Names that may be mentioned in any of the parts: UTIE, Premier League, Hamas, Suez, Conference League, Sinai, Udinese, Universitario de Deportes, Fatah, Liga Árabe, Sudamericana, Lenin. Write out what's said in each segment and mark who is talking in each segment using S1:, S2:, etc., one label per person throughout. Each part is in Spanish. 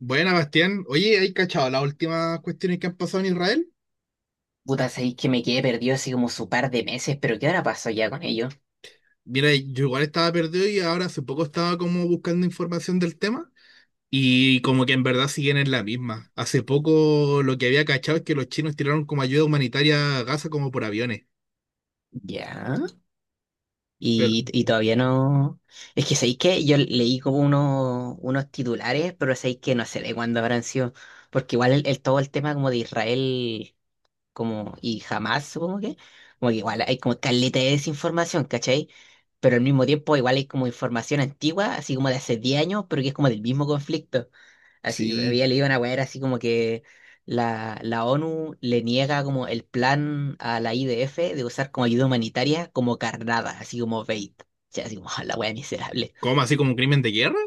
S1: Buena, Bastián. Oye, ¿hay cachado las últimas cuestiones que han pasado en Israel?
S2: Puta, sabéis que me quedé perdido así como su par de meses, pero ¿qué ahora pasó ya con ellos?
S1: Mira, yo igual estaba perdido y ahora hace poco estaba como buscando información del tema y como que en verdad siguen en la misma. Hace poco lo que había cachado es que los chinos tiraron como ayuda humanitaria a Gaza como por aviones.
S2: Ya.
S1: Pero,
S2: Y todavía no. Es que sabéis que yo leí como unos titulares, pero sabéis que no sé de cuándo habrán sido. Porque igual todo el tema como de Israel como y Hamás, supongo que. Como que igual hay como caleta de desinformación, ¿cachai? Pero al mismo tiempo igual hay como información antigua, así como de hace 10 años, pero que es como del mismo conflicto. Así,
S1: sí.
S2: había leído una weá, era así como que la ONU le niega como el plan a la IDF de usar como ayuda humanitaria como carnada, así como bait. O sea, así como la weá miserable.
S1: ¿Cómo? ¿Así como un crimen de guerra?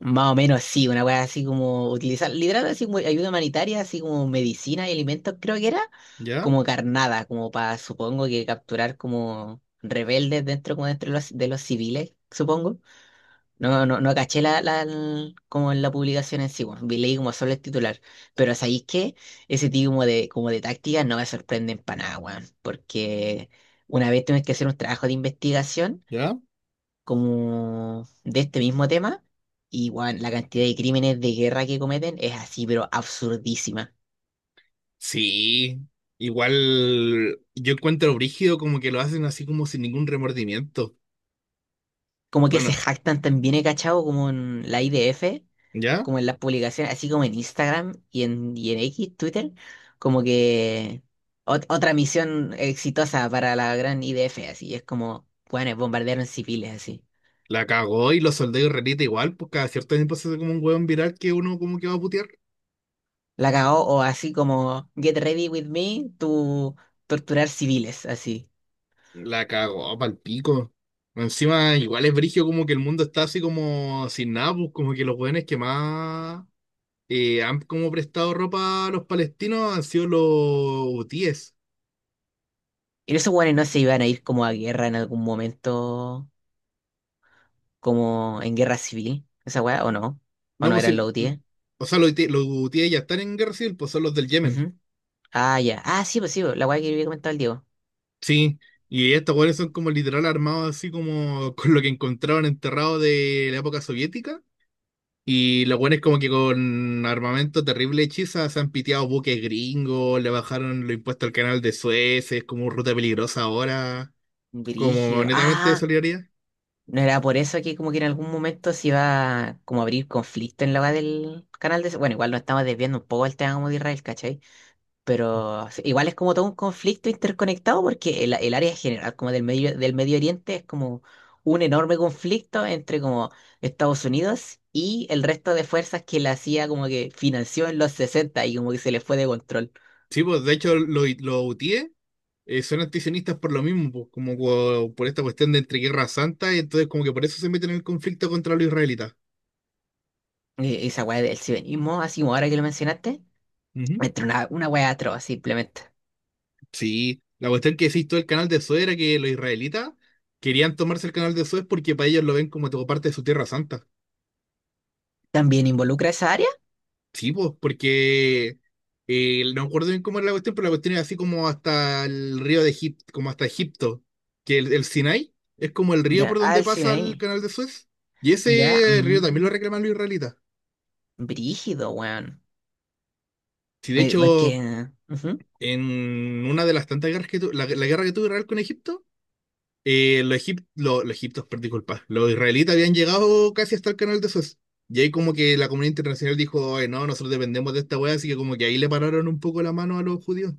S2: Más o menos sí, una weá así como utilizar, literal así como ayuda humanitaria, así como medicina y alimentos, creo que era,
S1: ¿Ya?
S2: como carnada, como para, supongo que capturar como rebeldes dentro, como dentro de de los civiles, supongo. No caché como en la publicación en sí, bueno, leí como solo el titular. Pero ¿sabéis qué? Ese tipo como de tácticas no me sorprenden para nada, weón. Porque una vez tuvimos que hacer un trabajo de investigación
S1: ¿Ya?
S2: como de este mismo tema, y weón, la cantidad de crímenes de guerra que cometen es así, pero absurdísima.
S1: Sí. Igual yo encuentro brígido como que lo hacen así como sin ningún remordimiento.
S2: Como que se
S1: Bueno,
S2: jactan también, he cachado, como en la IDF.
S1: ¿ya?
S2: Como en las publicaciones, así como en Instagram y en X, Twitter, como que otra misión exitosa para la gran IDF, así es como, bueno, bombardearon civiles, así.
S1: La cagó y los soldados israelitas igual, pues cada cierto tiempo se hace como un hueón viral que uno como que va a putear.
S2: La cagó, o así como, get ready with me to torturar civiles, así.
S1: La cagó pa'l pico. Encima, igual es brigio como que el mundo está así como sin nada, pues como que los hueones que más han como prestado ropa a los palestinos han sido los hutíes.
S2: Y esos weones no se iban a ir como a guerra en algún momento, como en guerra civil, esa weá, o
S1: No,
S2: no
S1: pues
S2: eran
S1: sí,
S2: los UTIE.
S1: o sea, los, los hutíes ya están en guerra civil, pues son los del Yemen.
S2: Ujú. Ah, ya. Ah, sí, pues, la weá que había comentado el Diego.
S1: Sí, y estos hueones son como literal armados así como con lo que encontraron enterrado de la época soviética. Y los buenos como que con armamento terrible hechiza se han piteado buques gringos, le bajaron los impuestos al canal de Suez, es como ruta peligrosa ahora, como
S2: Brígido.
S1: netamente de
S2: Ah,
S1: solidaridad.
S2: no era por eso que como que en algún momento se iba como a abrir conflicto en la hora del canal de... Bueno, igual nos estamos desviando un poco del tema como de Israel, ¿cachai? Pero sí, igual es como todo un conflicto interconectado porque el área general como del Medio Oriente es como un enorme conflicto entre como Estados Unidos y el resto de fuerzas que la CIA como que financió en los 60 y como que se les fue de control.
S1: Sí, pues de hecho los UTIE son antisionistas por lo mismo, pues, por esta cuestión de entre guerra santa, y entonces como que por eso se meten en el conflicto contra los israelitas.
S2: Y esa weá del cibenismo, así como ahora que lo mencionaste,
S1: Ujú.
S2: entre una weá atroz simplemente.
S1: Sí, la cuestión que decís todo el canal de Suez era que los israelitas querían tomarse el canal de Suez porque para ellos lo ven como parte de su tierra santa.
S2: ¿También involucra esa área?
S1: Sí, pues, porque no me acuerdo bien cómo era la cuestión, pero la cuestión es así como hasta el río de Egipto, como hasta Egipto, que el Sinai es como el río
S2: Ya,
S1: por
S2: ah,
S1: donde
S2: el cine
S1: pasa el
S2: ahí.
S1: canal de Suez. Y
S2: Ya,
S1: ese río también lo
S2: mm,
S1: reclaman los israelitas.
S2: brígido, weón.
S1: Si de hecho,
S2: Porque, ujú,
S1: en una de las tantas guerras que tuvo, la guerra que tuvo Israel con Egipto, los, egip- lo- los egipcios, per- disculpa, los israelitas habían llegado casi hasta el canal de Suez. Y ahí como que la comunidad internacional dijo, ay, no, nosotros dependemos de esta wea, así que como que ahí le pararon un poco la mano a los judíos.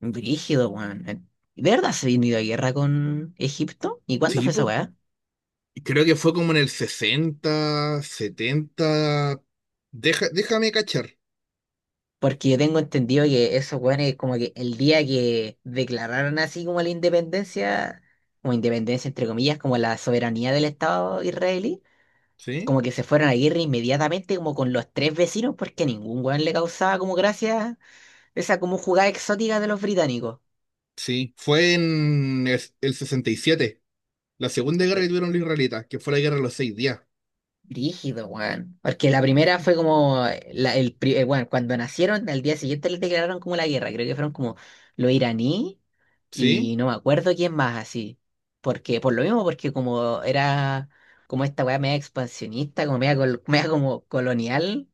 S2: brígido, weón. ¿De verdad se vino a guerra con Egipto? ¿Y cuándo
S1: Sí,
S2: fue esa
S1: pues.
S2: weá?
S1: Y creo que fue como en el 60 setenta. Déjame cachar,
S2: Porque yo tengo entendido que esos weones, como que el día que declararon así como la independencia, como independencia entre comillas, como la soberanía del Estado israelí,
S1: ¿sí?
S2: como que se fueron a guerra inmediatamente, como con los tres vecinos, porque a ningún weón le causaba como gracia esa como jugada exótica de los británicos.
S1: Sí, fue en el 67 la segunda guerra que tuvieron los israelitas, que fue la guerra de los seis días,
S2: Rígido, weón. Porque la primera fue como, bueno, cuando nacieron, al día siguiente les declararon como la guerra. Creo que fueron como los iraní
S1: ¿sí?
S2: y no me acuerdo quién más así. Porque, por lo mismo, porque como era como esta weá media expansionista, como media, media como colonial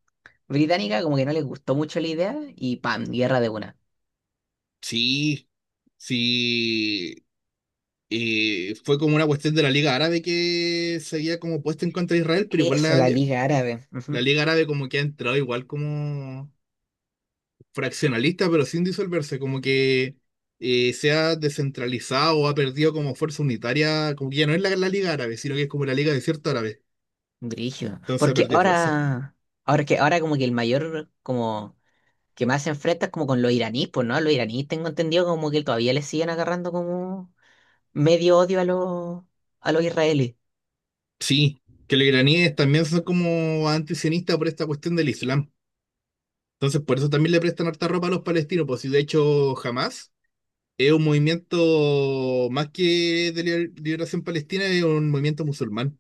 S2: británica, como que no les gustó mucho la idea y pam, guerra de una.
S1: Sí, sí. Y fue como una cuestión de la Liga Árabe que se había como puesto en contra de Israel, pero igual
S2: Eso,
S1: la,
S2: la Liga Árabe.
S1: la
S2: Ujú.
S1: Liga Árabe como que ha entrado igual como fraccionalista, pero sin disolverse, como que se ha descentralizado o ha perdido como fuerza unitaria, como que ya no es la Liga Árabe, sino que es como la Liga Desierta Árabe.
S2: Brígido.
S1: Entonces ha
S2: Porque
S1: perdido fuerza.
S2: ahora, ahora que ahora como que el mayor como que más se enfrenta es como con los iraníes, pues, ¿no? Los iraníes tengo entendido como que todavía les siguen agarrando como medio odio a los israelíes.
S1: Sí, que los iraníes también son como antisionistas por esta cuestión del Islam. Entonces por eso también le prestan harta ropa a los palestinos, pues si de hecho jamás. Es un movimiento más que de liberación palestina, es un movimiento musulmán,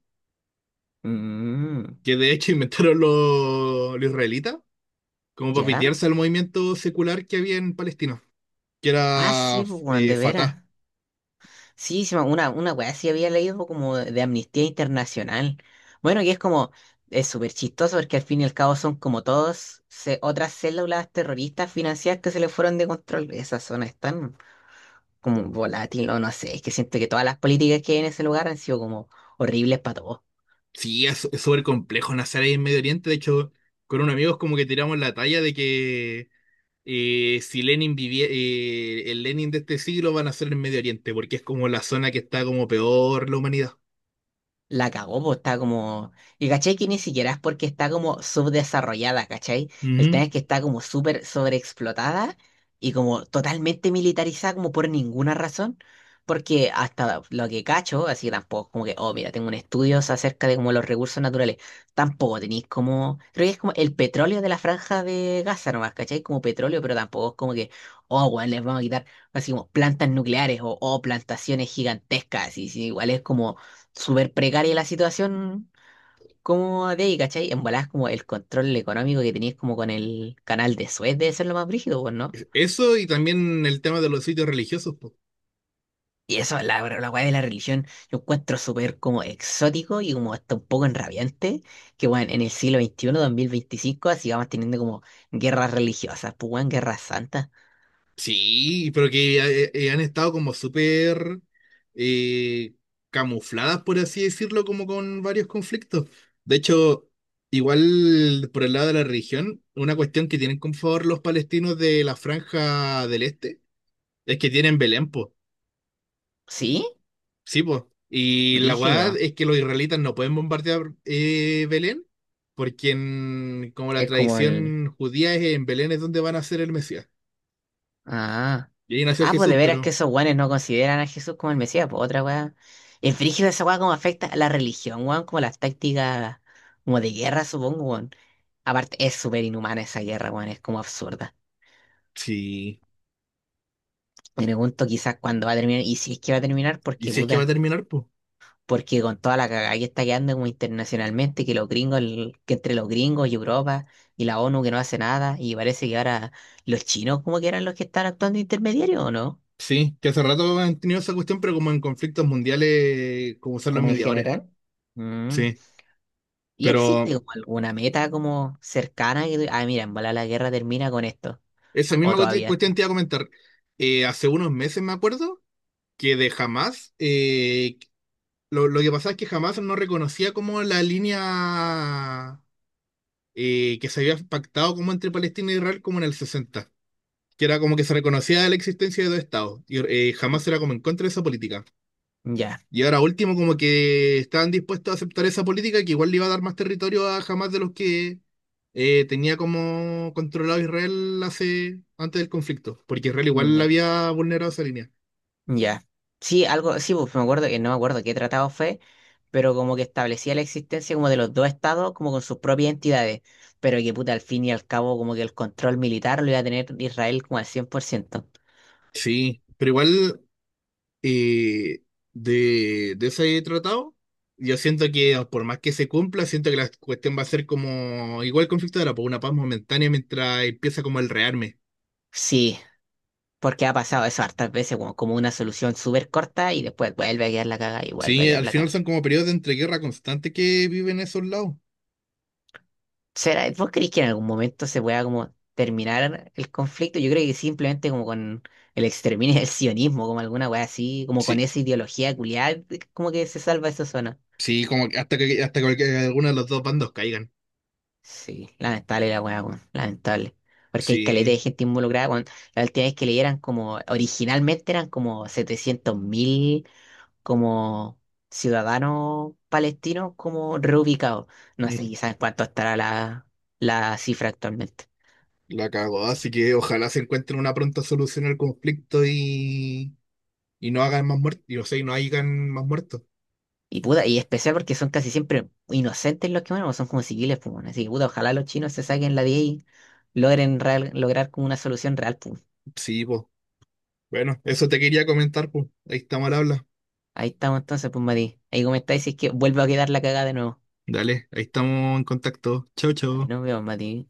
S2: Mm,
S1: que de hecho inventaron los israelitas como para
S2: ¿ya?
S1: pitearse al movimiento secular que había en Palestina, que
S2: Ah,
S1: era
S2: sí, pues, weón, de
S1: Fatah.
S2: veras. Sí, sí, una weá sí había leído como de Amnistía Internacional. Bueno, y es como, es súper chistoso porque al fin y al cabo son como todos otras células terroristas financieras que se le fueron de control. Esas zonas están como volátil, no, no sé, es que siento que todas las políticas que hay en ese lugar han sido como horribles para todos.
S1: Sí, es súper complejo nacer ahí en Medio Oriente. De hecho, con unos amigos como que tiramos la talla de que si Lenin vivía, el Lenin de este siglo va a nacer en Medio Oriente, porque es como la zona que está como peor la humanidad.
S2: La cagó, pues está como. Y cachai que ni siquiera es porque está como subdesarrollada, cachai. El tema
S1: Ujú.
S2: es que está como súper sobreexplotada y como totalmente militarizada, como por ninguna razón. Porque hasta lo que cacho, así que tampoco, como que, oh, mira, tengo un estudio acerca de como los recursos naturales. Tampoco tenéis como. Creo que es como el petróleo de la franja de Gaza nomás, cachai. Como petróleo, pero tampoco es como que, oh, bueno, les vamos a quitar, así como plantas nucleares o, oh, plantaciones gigantescas. Y, sí, igual es como súper precaria la situación como de ahí, ¿cachai? En volada como el control económico que tenías como con el canal de Suez debe ser lo más brígido, pues, ¿no?
S1: Eso y también el tema de los sitios religiosos.
S2: Y eso, la weá de la religión, yo encuentro súper como exótico y como hasta un poco enrabiante, que bueno, en el siglo XXI, 2025, así vamos teniendo como guerras religiosas, pues weón, guerras santas.
S1: Sí, pero que han estado como súper eh, camufladas, por así decirlo, como con varios conflictos. De hecho, igual por el lado de la religión, una cuestión que tienen con favor los palestinos de la Franja del Este es que tienen Belén, po.
S2: ¿Sí?
S1: Sí, po. Y la verdad
S2: Brígido.
S1: es que los israelitas no pueden bombardear Belén, porque como la
S2: Es como el...
S1: tradición judía es en Belén es donde van a ser el Mesías.
S2: Ah.
S1: Y ahí nació
S2: Ah, pues de
S1: Jesús,
S2: veras que
S1: pero
S2: esos guanes no consideran a Jesús como el Mesías, pues otra weá. El frígido esa weá como afecta a la religión, weón, como las tácticas como de guerra, supongo, weón. Aparte, es súper inhumana esa guerra, weón, es como absurda.
S1: sí.
S2: Me pregunto quizás cuándo va a terminar, y si es que va a terminar,
S1: Y
S2: porque
S1: si es que va a
S2: puta,
S1: terminar, pues.
S2: porque con toda la cagada que está quedando como internacionalmente, que los gringos, que entre los gringos y Europa y la ONU que no hace nada, y parece que ahora los chinos como que eran los que están actuando intermediarios, ¿o no?
S1: Sí, que hace rato han tenido esa cuestión, pero como en conflictos mundiales, como son los
S2: Como en
S1: mediadores.
S2: general. Mm.
S1: Sí,
S2: ¿Y existe
S1: pero
S2: como alguna meta como cercana que tú- ah, mira, en bola la guerra termina con esto?
S1: esa
S2: ¿O
S1: misma
S2: todavía
S1: cuestión
S2: está?
S1: te iba a comentar. Hace unos meses me acuerdo que de Hamas, lo que pasaba es que Hamas no reconocía como la línea que se había pactado como entre Palestina e Israel como en el 60, que era como que se reconocía la existencia de dos estados. Y Hamas era como en contra de esa política.
S2: Ya,
S1: Y ahora último, como que estaban dispuestos a aceptar esa política que igual le iba a dar más territorio a Hamas de los que tenía como controlado Israel antes del conflicto, porque Israel igual le
S2: ya,
S1: había vulnerado esa línea.
S2: ya. Sí, algo, sí, pues me acuerdo que no me acuerdo qué tratado fue, pero como que establecía la existencia como de los dos estados, como con sus propias entidades, pero que puta, al fin y al cabo, como que el control militar lo iba a tener Israel como al cien por ciento.
S1: Sí, pero igual eh, de ese tratado, yo siento que por más que se cumpla, siento que la cuestión va a ser como igual el conflicto era, por una paz momentánea mientras empieza como el rearme.
S2: Sí, porque ha pasado eso hartas veces, como, como una solución súper corta y después vuelve a quedar la caga y vuelve a
S1: Sí,
S2: quedar
S1: al
S2: la
S1: final
S2: caga.
S1: son como periodos de entreguerra constante que viven esos lados.
S2: ¿Será, vos creís que en algún momento se pueda como terminar el conflicto? Yo creo que simplemente como con el exterminio del sionismo, como alguna weá así, como con
S1: Sí.
S2: esa ideología culiada, como que se salva esa zona.
S1: Sí, como que hasta que alguno de los dos bandos caigan.
S2: Sí, lamentable la weá, weón, lamentable. Porque hay caleta
S1: Sí,
S2: de gente involucrada, weón. La última vez que leyeran como, originalmente eran como 700 mil como ciudadanos palestinos como reubicados. No sé
S1: mm,
S2: quizás cuánto estará la cifra actualmente.
S1: la cagó. Así que ojalá se encuentren una pronta solución al conflicto y no hagan más muertos. Y o sea, y no hagan más muertos.
S2: Y puta, y especial porque son casi siempre inocentes los que mueren, o son como civiles, pues, bueno. Así que puta, ojalá los chinos se saquen la 10 y logren lograr como una solución real, pues.
S1: Sí, pues. Bueno, eso te quería comentar, pues. Ahí estamos al habla.
S2: Ahí estamos entonces, pues Mati. Ahí comentáis si es que vuelvo a quedar la cagada de nuevo.
S1: Dale, ahí estamos en contacto. Chau,
S2: Ahí
S1: chau.
S2: nos vemos, Mati.